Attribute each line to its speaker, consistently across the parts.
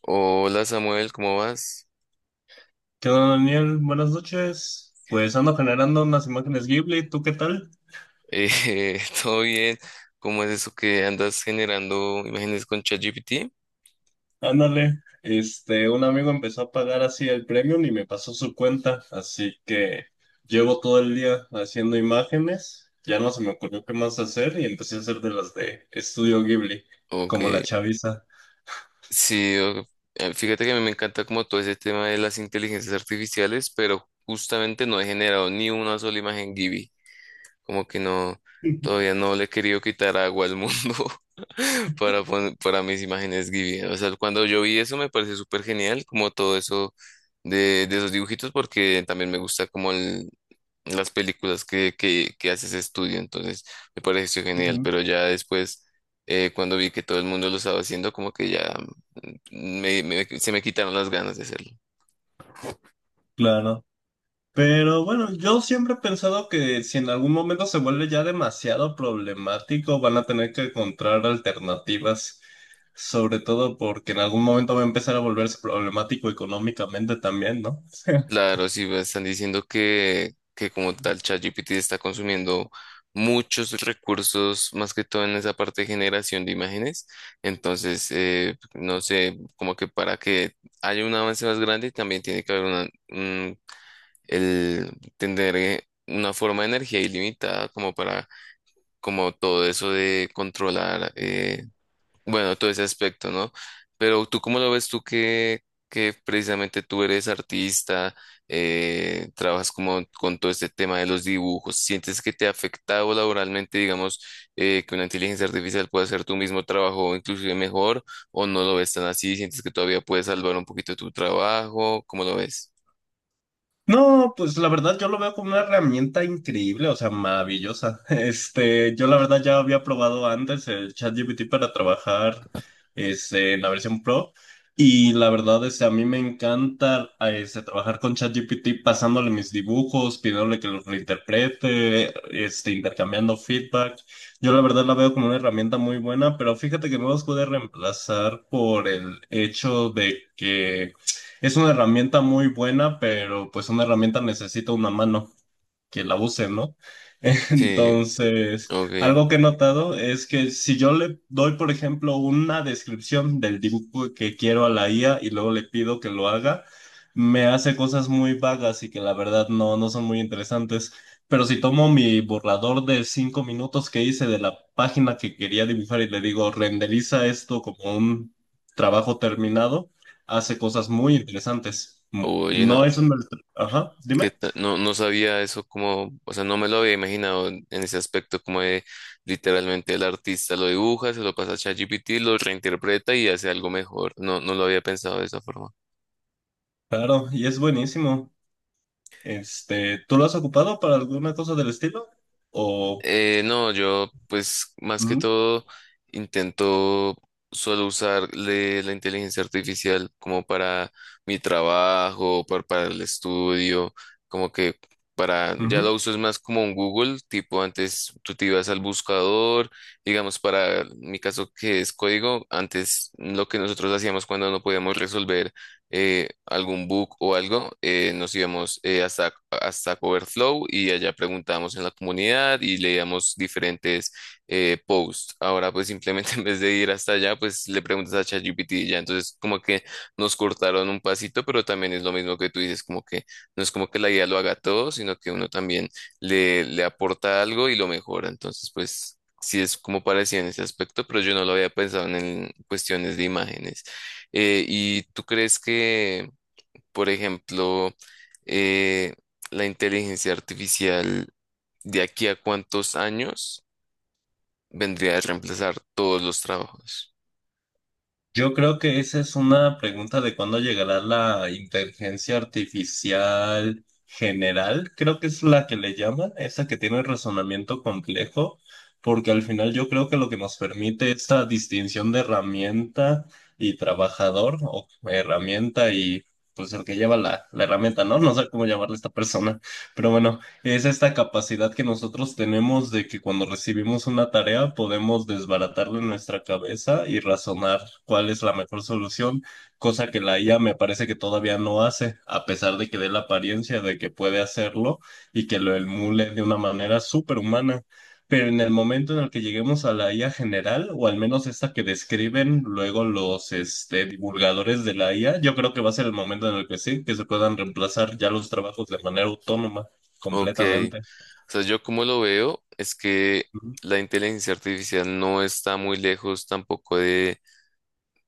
Speaker 1: Hola Samuel, ¿cómo vas?
Speaker 2: ¿Qué onda, Daniel? Buenas noches. Pues ando generando unas imágenes Ghibli, ¿tú qué tal?
Speaker 1: ¿Todo bien? ¿Cómo es eso que andas generando imágenes con ChatGPT?
Speaker 2: Ándale. Un amigo empezó a pagar así el premium y me pasó su cuenta, así que llevo todo el día haciendo imágenes. Ya no se me ocurrió qué más hacer y empecé a hacer de las de Estudio Ghibli,
Speaker 1: Ok,
Speaker 2: como la chaviza.
Speaker 1: sí, fíjate que a mí me encanta como todo ese tema de las inteligencias artificiales, pero justamente no he generado ni una sola imagen Gibi, como que no, todavía no le he querido quitar agua al mundo para, para mis imágenes Gibi. O sea, cuando yo vi eso me pareció súper genial, como todo eso de esos dibujitos porque también me gusta como las películas que hace ese estudio, entonces me pareció genial,
Speaker 2: Ujú.
Speaker 1: pero ya después, cuando vi que todo el mundo lo estaba haciendo, como que ya se me quitaron las ganas de hacerlo.
Speaker 2: Claro. Pero bueno, yo siempre he pensado que si en algún momento se vuelve ya demasiado problemático, van a tener que encontrar alternativas, sobre todo porque en algún momento va a empezar a volverse problemático económicamente también, ¿no?
Speaker 1: Claro, si me están diciendo que como tal ChatGPT está consumiendo muchos recursos, más que todo en esa parte de generación de imágenes, entonces, no sé, como que para que haya un avance más grande, también tiene que haber una- el tener una forma de energía ilimitada como para, como todo eso de controlar, bueno, todo ese aspecto, ¿no? Pero tú, ¿cómo lo ves tú que precisamente tú eres artista, trabajas como con todo este tema de los dibujos? ¿Sientes que te ha afectado laboralmente, digamos, que una inteligencia artificial pueda hacer tu mismo trabajo inclusive mejor o no lo ves tan así? ¿Sientes que todavía puedes salvar un poquito tu trabajo? ¿Cómo lo ves?
Speaker 2: No, pues la verdad yo lo veo como una herramienta increíble, o sea, maravillosa. Yo la verdad ya había probado antes el ChatGPT para trabajar en la versión Pro, y la verdad es que a mí me encanta trabajar con ChatGPT pasándole mis dibujos, pidiéndole que los reinterprete, intercambiando feedback. Yo la verdad la veo como una herramienta muy buena, pero fíjate que no las pude reemplazar por el hecho de que es una herramienta muy buena, pero pues una herramienta necesita una mano que la usen, ¿no?
Speaker 1: Sí,
Speaker 2: Entonces,
Speaker 1: ok.
Speaker 2: algo que he notado es que si yo le doy, por ejemplo, una descripción del dibujo que quiero a la IA y luego le pido que lo haga, me hace cosas muy vagas y que la verdad no, no son muy interesantes. Pero si tomo mi borrador de 5 minutos que hice de la página que quería dibujar y le digo, renderiza esto como un trabajo terminado, hace cosas muy interesantes.
Speaker 1: Oye, no,
Speaker 2: No es un... Ajá, dime.
Speaker 1: no, no sabía eso como, o sea, no me lo había imaginado en ese aspecto como de literalmente el artista lo dibuja, se lo pasa a ChatGPT, lo reinterpreta y hace algo mejor. No, no lo había pensado de esa forma.
Speaker 2: Claro, y es buenísimo. ¿Tú lo has ocupado para alguna cosa del estilo? O
Speaker 1: No, yo pues más que
Speaker 2: Ujú,
Speaker 1: todo intento solo usar la inteligencia artificial como para mi trabajo, para, el estudio, como que para, ya
Speaker 2: ujú.
Speaker 1: lo uso es más como un Google, tipo antes tú te ibas al buscador, digamos para mi caso que es código, antes lo que nosotros hacíamos cuando no podíamos resolver algún book o algo, nos íbamos hasta, hasta Coverflow y allá preguntábamos en la comunidad y leíamos diferentes posts. Ahora pues simplemente en vez de ir hasta allá, pues le preguntas a ChatGPT y ya. Entonces como que nos cortaron un pasito, pero también es lo mismo que tú dices, como que no es como que la guía lo haga todo, sino que uno también le aporta algo y lo mejora. Entonces pues... Sí, es como parecía en ese aspecto, pero yo no lo había pensado en cuestiones de imágenes. ¿Y tú crees que, por ejemplo, eh, la inteligencia artificial de aquí a cuántos años vendría a reemplazar todos los trabajos?
Speaker 2: Yo creo que esa es una pregunta de cuándo llegará la inteligencia artificial general. Creo que es la que le llaman, esa que tiene razonamiento complejo, porque al final yo creo que lo que nos permite esta distinción de herramienta y trabajador, o herramienta y pues el que lleva la herramienta, ¿no? No sé cómo llamarle a esta persona. Pero bueno, es esta capacidad que nosotros tenemos de que cuando recibimos una tarea podemos desbaratarla en nuestra cabeza y razonar cuál es la mejor solución, cosa que la IA me parece que todavía no hace, a pesar de que dé la apariencia de que puede hacerlo y que lo emule de una manera superhumana. Pero en el momento en el que lleguemos a la IA general, o al menos esta que describen luego los divulgadores de la IA, yo creo que va a ser el momento en el que sí, que se puedan reemplazar ya los trabajos de manera autónoma
Speaker 1: Ok,
Speaker 2: completamente.
Speaker 1: o sea, yo como lo veo es que
Speaker 2: Ujú.
Speaker 1: la inteligencia artificial no está muy lejos tampoco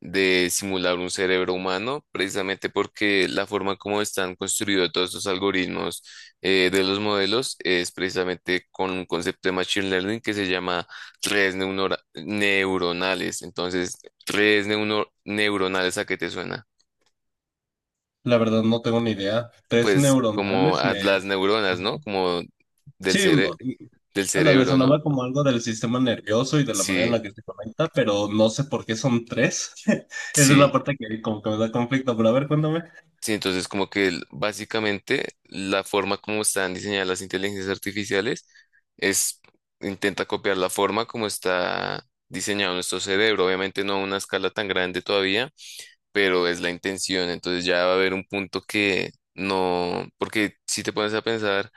Speaker 1: de simular un cerebro humano, precisamente porque la forma como están construidos todos estos algoritmos de los modelos es precisamente con un concepto de Machine Learning que se llama redes neuronales. Entonces, redes neuronales, ¿a qué te suena?
Speaker 2: La verdad no tengo ni idea. Tres
Speaker 1: Pues como
Speaker 2: neuronales
Speaker 1: a
Speaker 2: me...
Speaker 1: las neuronas,
Speaker 2: Ajá.
Speaker 1: ¿no? Como del
Speaker 2: Sí,
Speaker 1: cere- del
Speaker 2: anda, me
Speaker 1: cerebro, ¿no?
Speaker 2: sonaba como algo del sistema nervioso y de la manera en
Speaker 1: Sí,
Speaker 2: la que se conecta, pero no sé por qué son tres. Esa es la
Speaker 1: sí.
Speaker 2: parte que como que me da conflicto, pero a ver, cuéntame.
Speaker 1: Sí, entonces como que básicamente la forma como están diseñadas las inteligencias artificiales es intenta copiar la forma como está diseñado nuestro cerebro, obviamente no a una escala tan grande todavía, pero es la intención, entonces ya va a haber un punto que no, porque si te pones a pensar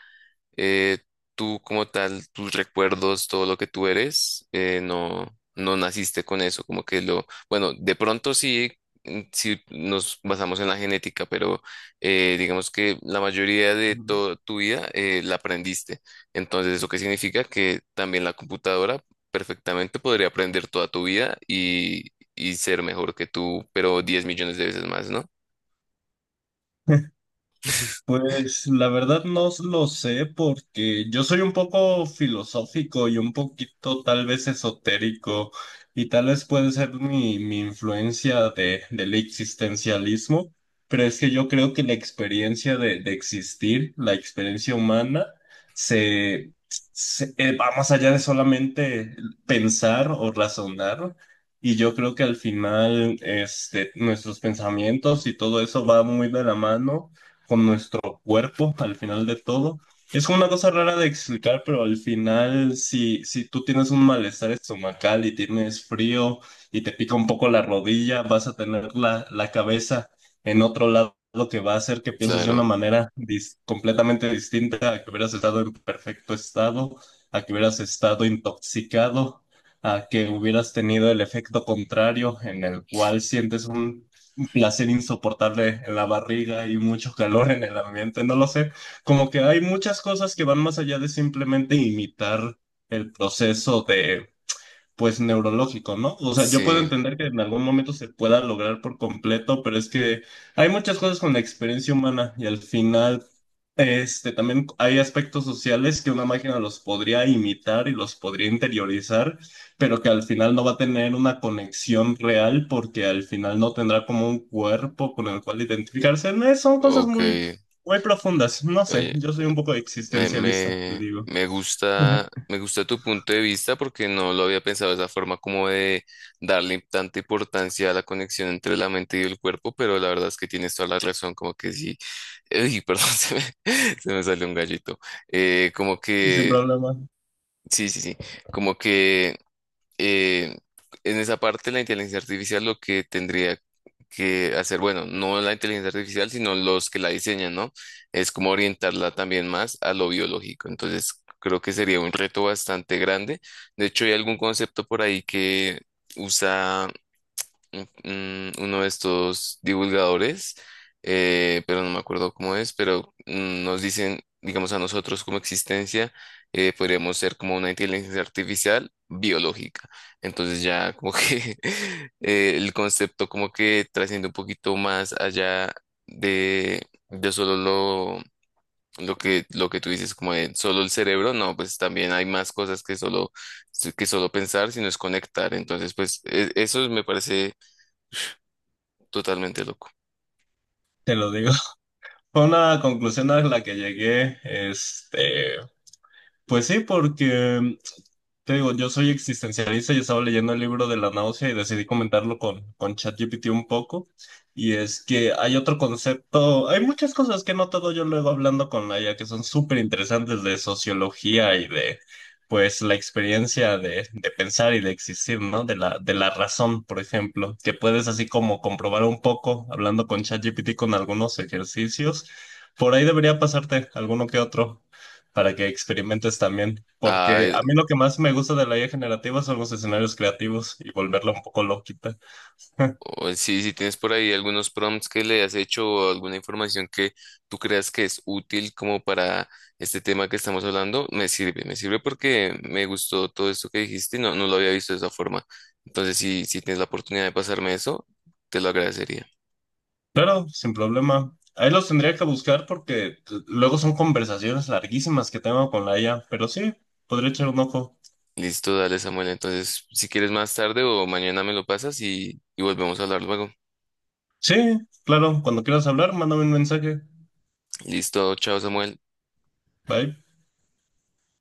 Speaker 1: eh, tú como tal, tus recuerdos, todo lo que tú eres, no, no naciste con eso, como que lo, bueno, de pronto sí, sí nos basamos en la genética, pero digamos que la mayoría de toda tu vida la aprendiste. Entonces, ¿eso qué significa? Que también la computadora perfectamente podría aprender toda tu vida y ser mejor que tú, pero 10 millones de veces más, ¿no?
Speaker 2: Pues la verdad no lo sé porque yo soy un poco filosófico y un poquito tal vez esotérico, y tal vez puede ser mi influencia del existencialismo, pero es que yo creo que la experiencia de existir, la experiencia humana, se, va más allá de solamente pensar o razonar. Y yo creo que al final, nuestros pensamientos y todo eso va muy de la mano con nuestro mismo cuerpo al final de todo. Es una cosa rara de explicar, pero al final, si tú tienes un malestar estomacal y tienes frío y te pica un poco la rodilla, vas a tener la cabeza en otro lado, que va a hacer que pienses de una
Speaker 1: Claro,
Speaker 2: manera completamente distinta a que hubieras estado en perfecto estado, a que hubieras estado intoxicado, a que hubieras tenido el efecto contrario en el cual sientes un placer insoportable en la barriga y mucho calor en el ambiente, no lo sé. Como que hay muchas cosas que van más allá de simplemente imitar el proceso de pues neurológico, ¿no? O sea, yo puedo
Speaker 1: sí,
Speaker 2: entender que en algún momento se pueda lograr por completo, pero es que hay muchas cosas con la experiencia humana y al final, también hay aspectos sociales que una máquina los podría imitar y los podría interiorizar, pero que al final no va a tener una conexión real porque al final no tendrá como un cuerpo con el cual identificarse. No, son cosas
Speaker 1: ok.
Speaker 2: muy, muy profundas. No sé,
Speaker 1: Oye,
Speaker 2: yo soy un poco existencialista, te digo.
Speaker 1: Me gusta tu punto de vista porque no lo había pensado de esa forma como de darle tanta importancia a la conexión entre la mente y el cuerpo, pero la verdad es que tienes toda la razón, como que sí, uy, perdón, se me salió un gallito. Como
Speaker 2: Sin
Speaker 1: que,
Speaker 2: problema,
Speaker 1: sí, sí, sí, como que eh, en esa parte la inteligencia artificial lo que tendría que hacer, bueno, no la inteligencia artificial, sino los que la diseñan, ¿no? Es como orientarla también más a lo biológico. Entonces, creo que sería un reto bastante grande. De hecho, hay algún concepto por ahí que usa uno de estos divulgadores, pero no me acuerdo cómo es, pero nos dicen, digamos, a nosotros como existencia, podríamos ser como una inteligencia artificial biológica. Entonces ya como que el concepto como que trasciende un poquito más allá de, de solo lo que tú dices, como de solo el cerebro, no, pues también hay más cosas que solo pensar, sino es conectar. Entonces, pues eso me parece totalmente loco.
Speaker 2: te lo digo. Fue una conclusión a la que llegué, pues sí, porque te digo, yo soy existencialista y estaba leyendo el libro de la náusea y decidí comentarlo con ChatGPT un poco. Y es que hay otro concepto, hay muchas cosas que he notado yo luego hablando con la IA que son súper interesantes de sociología y de, pues, la experiencia de pensar y de existir, ¿no? De la razón, por ejemplo, que puedes así como comprobar un poco hablando con ChatGPT con algunos ejercicios. Por ahí debería pasarte alguno que otro para que experimentes también,
Speaker 1: Ah,
Speaker 2: porque a mí lo que más me gusta de la IA generativa son los escenarios creativos y volverla un poco loquita.
Speaker 1: o si, si tienes por ahí algunos prompts que le has hecho o alguna información que tú creas que es útil como para este tema que estamos hablando, me sirve porque me gustó todo esto que dijiste y no, no lo había visto de esa forma. Entonces, si, si tienes la oportunidad de pasarme eso, te lo agradecería.
Speaker 2: Claro, sin problema. Ahí los tendría que buscar porque luego son conversaciones larguísimas que tengo con la IA, pero sí, podría echar un ojo.
Speaker 1: Listo, dale, Samuel. Entonces, si quieres más tarde o mañana me lo pasas y volvemos a hablar luego.
Speaker 2: Sí, claro, cuando quieras hablar, mándame un mensaje.
Speaker 1: Listo, chao, Samuel.
Speaker 2: Bye.